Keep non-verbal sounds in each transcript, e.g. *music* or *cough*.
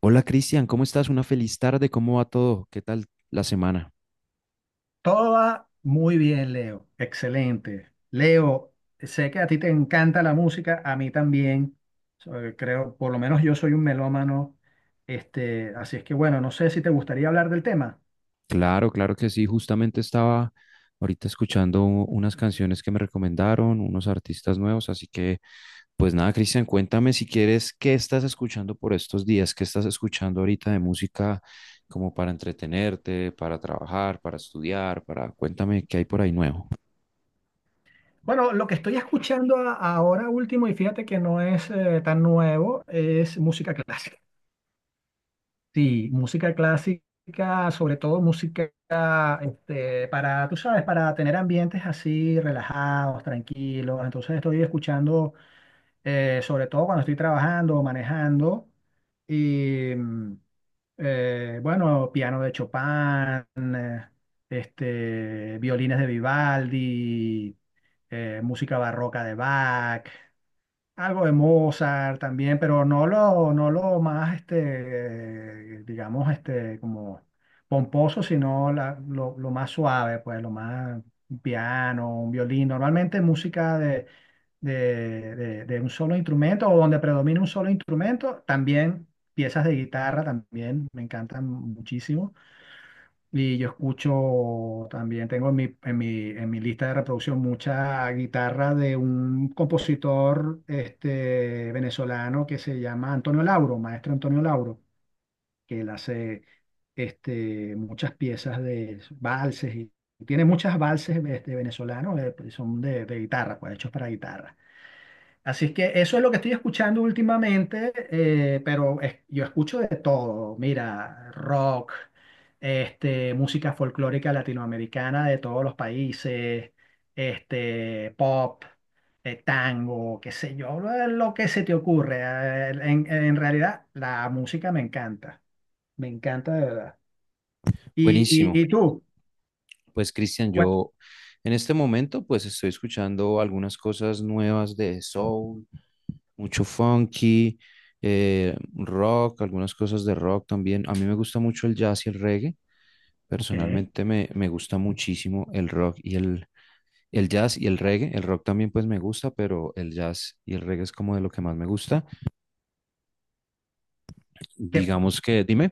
Hola Cristian, ¿cómo estás? Una feliz tarde, ¿cómo va todo? ¿Qué tal la semana? Todo va muy bien, Leo. Excelente. Leo, sé que a ti te encanta la música, a mí también. Creo, por lo menos yo soy un melómano. Así es que bueno, no sé si te gustaría hablar del tema. Claro, claro que sí, justamente estaba ahorita escuchando unas canciones que me recomendaron, unos artistas nuevos, así que pues nada, Cristian, cuéntame si quieres, ¿qué estás escuchando por estos días? ¿Qué estás escuchando ahorita de música como para entretenerte, para trabajar, para estudiar, para... Cuéntame qué hay por ahí nuevo. Bueno, lo que estoy escuchando ahora último, y fíjate que no es tan nuevo, es música clásica. Sí, música clásica, sobre todo música para, tú sabes, para tener ambientes así relajados, tranquilos. Entonces estoy escuchando sobre todo cuando estoy trabajando o manejando. Y bueno, piano de Chopin, violines de Vivaldi, música barroca de Bach. Algo de Mozart también, pero no lo más, digamos, como pomposo, sino lo más suave, pues, lo más un piano, un violín. Normalmente música de un solo instrumento o donde predomina un solo instrumento. También piezas de guitarra, también me encantan muchísimo. Y yo escucho también, tengo en mi lista de reproducción mucha guitarra de un compositor venezolano que se llama Antonio Lauro, maestro Antonio Lauro, que él hace muchas piezas de valses y tiene muchas valses venezolanos, son de guitarra, pues hechos para guitarra. Así es que eso es lo que estoy escuchando últimamente, pero yo escucho de todo. Mira, rock, música folclórica latinoamericana de todos los países, pop, tango, qué sé yo, lo que se te ocurre. En realidad, la música me encanta de verdad. ¿Y, Buenísimo. y, y tú? Pues Cristian, Bueno, yo en este momento pues estoy escuchando algunas cosas nuevas de soul, mucho funky, rock, algunas cosas de rock también. A mí me gusta mucho el jazz y el reggae. ok. Personalmente me gusta muchísimo el rock y el jazz y el reggae. El rock también pues me gusta, pero el jazz y el reggae es como de lo que más me gusta. ¿Qué, Digamos que, dime.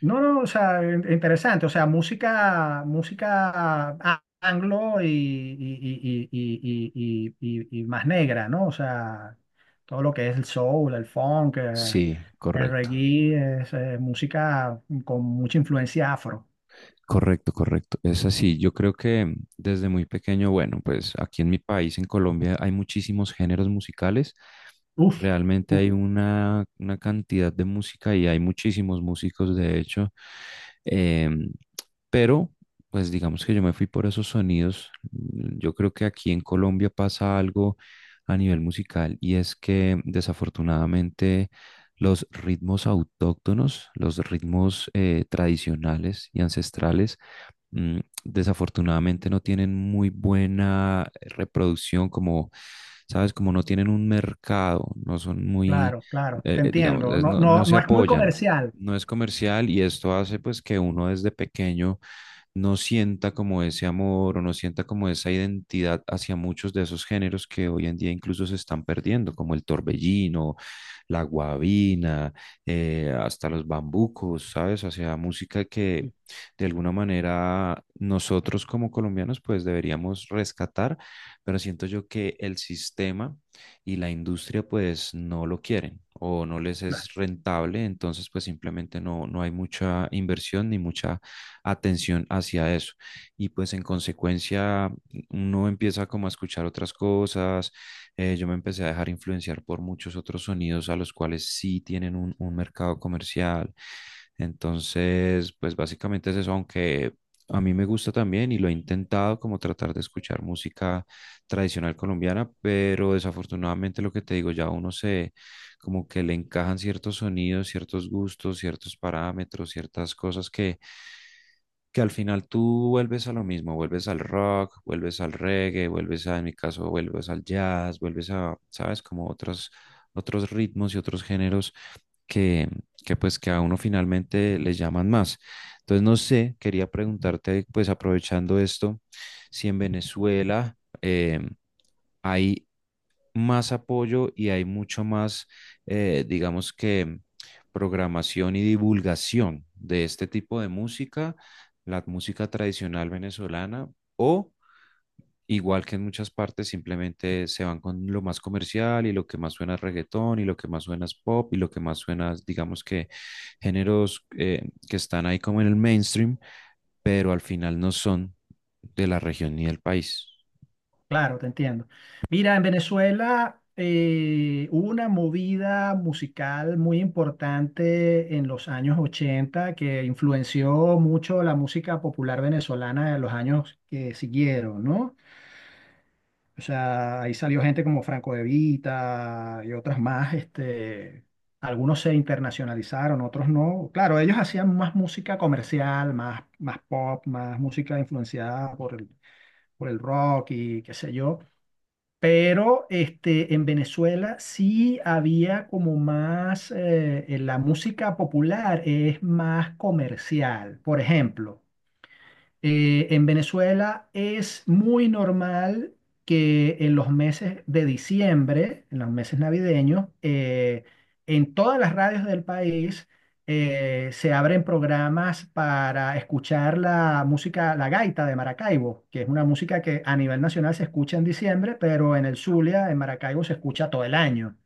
No, no, o sea, interesante, o sea, música anglo y más negra, ¿no? O sea, todo lo que es el soul, el funk, Sí, el correcto. reggae, es, música con mucha influencia afro. Correcto, correcto. Es así. Yo creo que desde muy pequeño, bueno, pues aquí en mi país, en Colombia, hay muchísimos géneros musicales. Uf, Realmente uf. hay una cantidad de música y hay muchísimos músicos, de hecho. Em, pero, pues digamos que yo me fui por esos sonidos. Yo creo que aquí en Colombia pasa algo a nivel musical y es que desafortunadamente los ritmos autóctonos, los ritmos tradicionales y ancestrales, desafortunadamente no tienen muy buena reproducción, como, ¿sabes? Como no tienen un mercado, no son muy, Claro, claro, te digamos, entiendo. No, no, no no, se no es muy apoyan, comercial. no es comercial y esto hace pues que uno desde pequeño no sienta como ese amor o no sienta como esa identidad hacia muchos de esos géneros que hoy en día incluso se están perdiendo, como el torbellino, la guabina, hasta los bambucos, ¿sabes? O sea, música que de alguna manera nosotros como colombianos pues deberíamos rescatar, pero siento yo que el sistema y la industria pues no lo quieren o no les es rentable, entonces pues simplemente no, no hay mucha inversión ni mucha atención hacia eso. Y pues en consecuencia uno empieza como a escuchar otras cosas, yo me empecé a dejar influenciar por muchos otros sonidos a los cuales sí tienen un mercado comercial. Entonces, pues básicamente es eso, aunque a mí me gusta también y lo he intentado como tratar de escuchar música tradicional colombiana, pero desafortunadamente lo que te digo, ya uno se como que le encajan ciertos sonidos, ciertos gustos, ciertos parámetros, ciertas cosas que al final tú vuelves a lo mismo, vuelves al rock, vuelves al reggae, vuelves a, en mi caso, vuelves al jazz, vuelves a, ¿sabes? Como otros, otros ritmos y otros géneros que, que pues que a uno finalmente les llaman más. Entonces, no sé, quería preguntarte, pues aprovechando esto, si en Venezuela hay más apoyo y hay mucho más, digamos que, programación y divulgación de este tipo de música, la música tradicional venezolana, o igual que en muchas partes, simplemente se van con lo más comercial y lo que más suena es reggaetón y lo que más suena es pop y lo que más suena, es, digamos que, géneros que están ahí como en el mainstream, pero al final no son de la región ni del país. Claro, te entiendo. Mira, en Venezuela hubo una movida musical muy importante en los años 80 que influenció mucho la música popular venezolana en los años que siguieron, ¿no? O sea, ahí salió gente como Franco De Vita y otras más, algunos se internacionalizaron, otros no. Claro, ellos hacían más música comercial, más pop, más música influenciada por el rock y qué sé yo. Pero en Venezuela sí había como más, la música popular es más comercial. Por ejemplo, en Venezuela es muy normal que en los meses de diciembre, en los meses navideños, en todas las radios del país se abren programas para escuchar la música, la gaita de Maracaibo, que es una música que a nivel nacional se escucha en diciembre, pero en el Zulia, en Maracaibo, se escucha todo el año.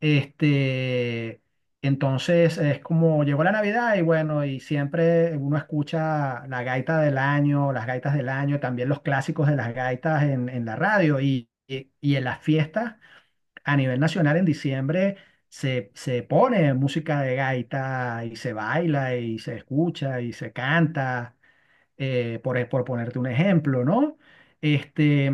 Este, entonces es como llegó la Navidad y bueno, y siempre uno escucha la gaita del año, las gaitas del año, también los clásicos de las gaitas en la radio y en las fiestas a nivel nacional en diciembre se pone música de gaita y se baila y se escucha y se canta, por ponerte un ejemplo, ¿no? Este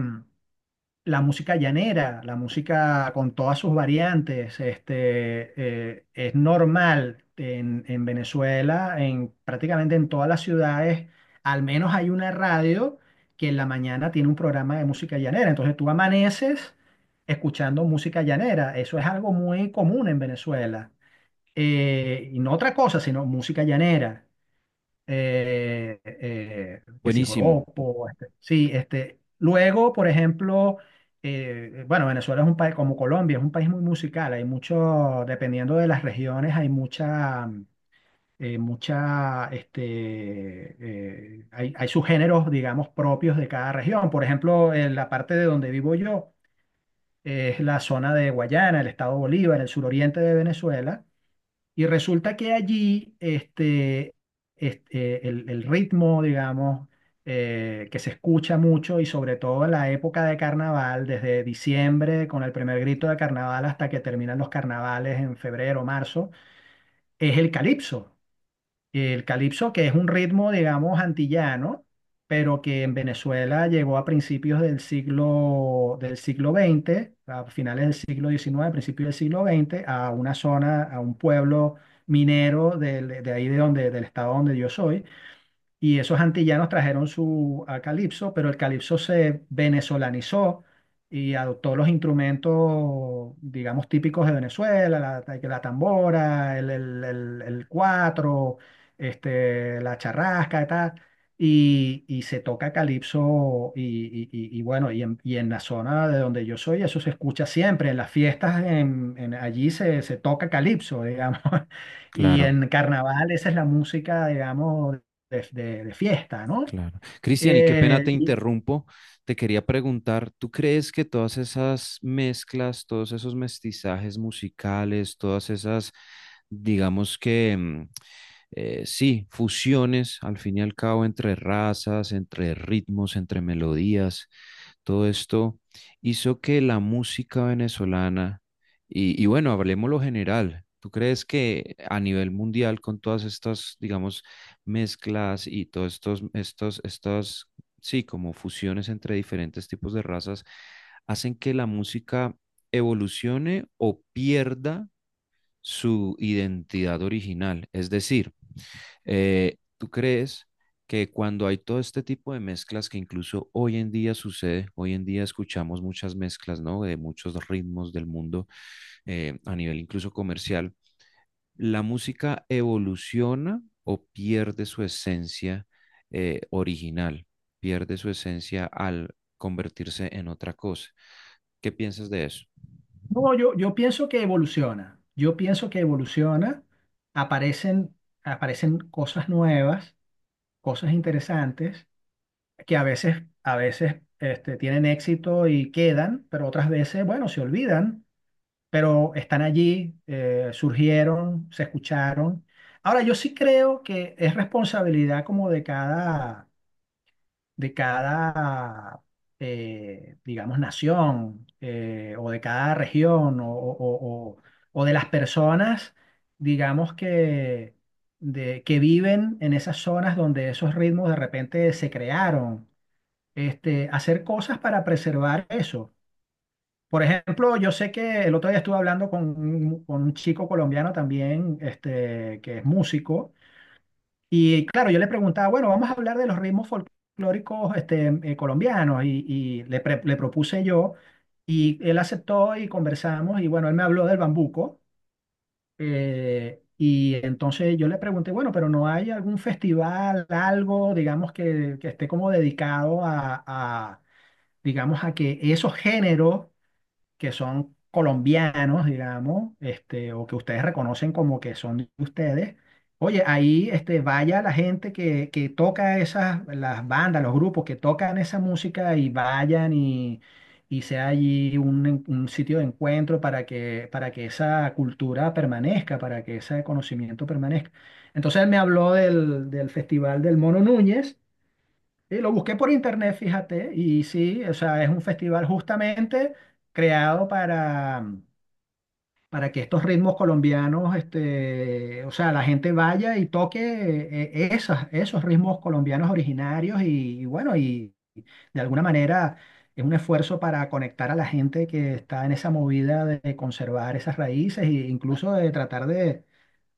la música llanera, la música con todas sus variantes, es normal en Venezuela, en prácticamente en todas las ciudades, al menos hay una radio que en la mañana tiene un programa de música llanera. Entonces tú amaneces escuchando música llanera. Eso es algo muy común en Venezuela. Y no otra cosa, sino música llanera que si Buenísimo, joropo, sí, luego, por ejemplo, bueno, Venezuela es un país, como Colombia, es un país muy musical, hay mucho, dependiendo de las regiones, hay mucha, hay sus géneros, digamos, propios de cada región, por ejemplo, en la parte de donde vivo yo, es la zona de Guayana, el estado Bolívar, el suroriente de Venezuela, y resulta que allí el ritmo, digamos, que se escucha mucho y sobre todo en la época de carnaval, desde diciembre con el primer grito de carnaval hasta que terminan los carnavales en febrero, marzo, es el calipso. El calipso, que es un ritmo, digamos, antillano, pero que en Venezuela llegó a principios del siglo veinte, a finales del siglo XIX, principios del siglo XX, a una zona, a un pueblo minero de ahí de donde, del estado donde yo soy, y esos antillanos trajeron su a calipso, pero el calipso se venezolanizó y adoptó los instrumentos, digamos, típicos de Venezuela, la tambora, el cuatro, la charrasca y tal. Y se toca calipso y bueno, y en la zona de donde yo soy, eso se escucha siempre, en las fiestas allí se toca calipso, digamos, *laughs* y claro. en carnaval esa es la música, digamos, de fiesta, ¿no? Claro. Cristian, y qué pena Eh, te y- interrumpo. Te quería preguntar, ¿tú crees que todas esas mezclas, todos esos mestizajes musicales, todas esas, digamos que, sí, fusiones al fin y al cabo entre razas, entre ritmos, entre melodías, todo esto hizo que la música venezolana, y bueno, hablemos lo general, ¿tú crees que a nivel mundial, con todas estas, digamos, mezclas y todos estos, sí, como fusiones entre diferentes tipos de razas, hacen que la música evolucione o pierda su identidad original? Es decir, ¿tú crees que cuando hay todo este tipo de mezclas que incluso hoy en día sucede, hoy en día escuchamos muchas mezclas, ¿no? De muchos ritmos del mundo, a nivel incluso comercial, la música evoluciona o pierde su esencia, original, pierde su esencia al convertirse en otra cosa? ¿Qué piensas de eso? no, yo pienso que evoluciona, yo pienso que evoluciona, aparecen, aparecen cosas nuevas, cosas interesantes, que a veces tienen éxito y quedan, pero otras veces, bueno, se olvidan, pero están allí, surgieron, se escucharon. Ahora, yo sí creo que es responsabilidad como de cada, digamos, nación o de cada región o de las personas, digamos, que viven en esas zonas donde esos ritmos de repente se crearon. Hacer cosas para preservar eso. Por ejemplo, yo sé que el otro día estuve hablando con un chico colombiano también, que es músico y claro, yo le preguntaba, bueno, vamos a hablar de los ritmos folclóricos colombianos y le propuse yo y él aceptó y conversamos y bueno, él me habló del bambuco y entonces yo le pregunté, bueno, pero ¿no hay algún festival, algo, digamos, que esté como dedicado digamos, a que esos géneros que son colombianos, digamos, o que ustedes reconocen como que son de ustedes, oye, ahí vaya la gente que toca esas, las bandas, los grupos que tocan esa música y vayan y sea allí un sitio de encuentro para que esa cultura permanezca, para que ese conocimiento permanezca. Entonces él me habló del Festival del Mono Núñez. Sí, lo busqué por internet, fíjate, y sí, o sea, es un festival justamente creado para que estos ritmos colombianos, o sea, la gente vaya y toque esas, esos ritmos colombianos originarios y bueno, y de alguna manera es un esfuerzo para conectar a la gente que está en esa movida de conservar esas raíces e incluso de tratar de,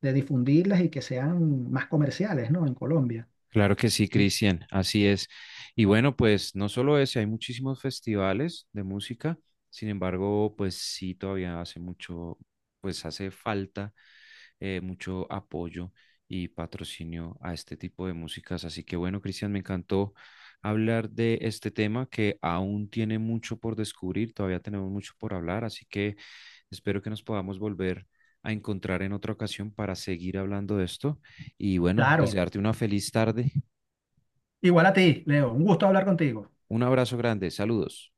de difundirlas y que sean más comerciales, ¿no? En Colombia. Claro que sí, Cristian, así es. Y bueno, pues no solo ese, hay muchísimos festivales de música, sin embargo, pues sí, todavía hace mucho, pues hace falta mucho apoyo y patrocinio a este tipo de músicas. Así que bueno, Cristian, me encantó hablar de este tema que aún tiene mucho por descubrir, todavía tenemos mucho por hablar, así que espero que nos podamos volver a encontrar en otra ocasión para seguir hablando de esto. Y bueno, Claro. desearte una feliz tarde. Igual a ti, Leo. Un gusto hablar contigo. Un abrazo grande, saludos.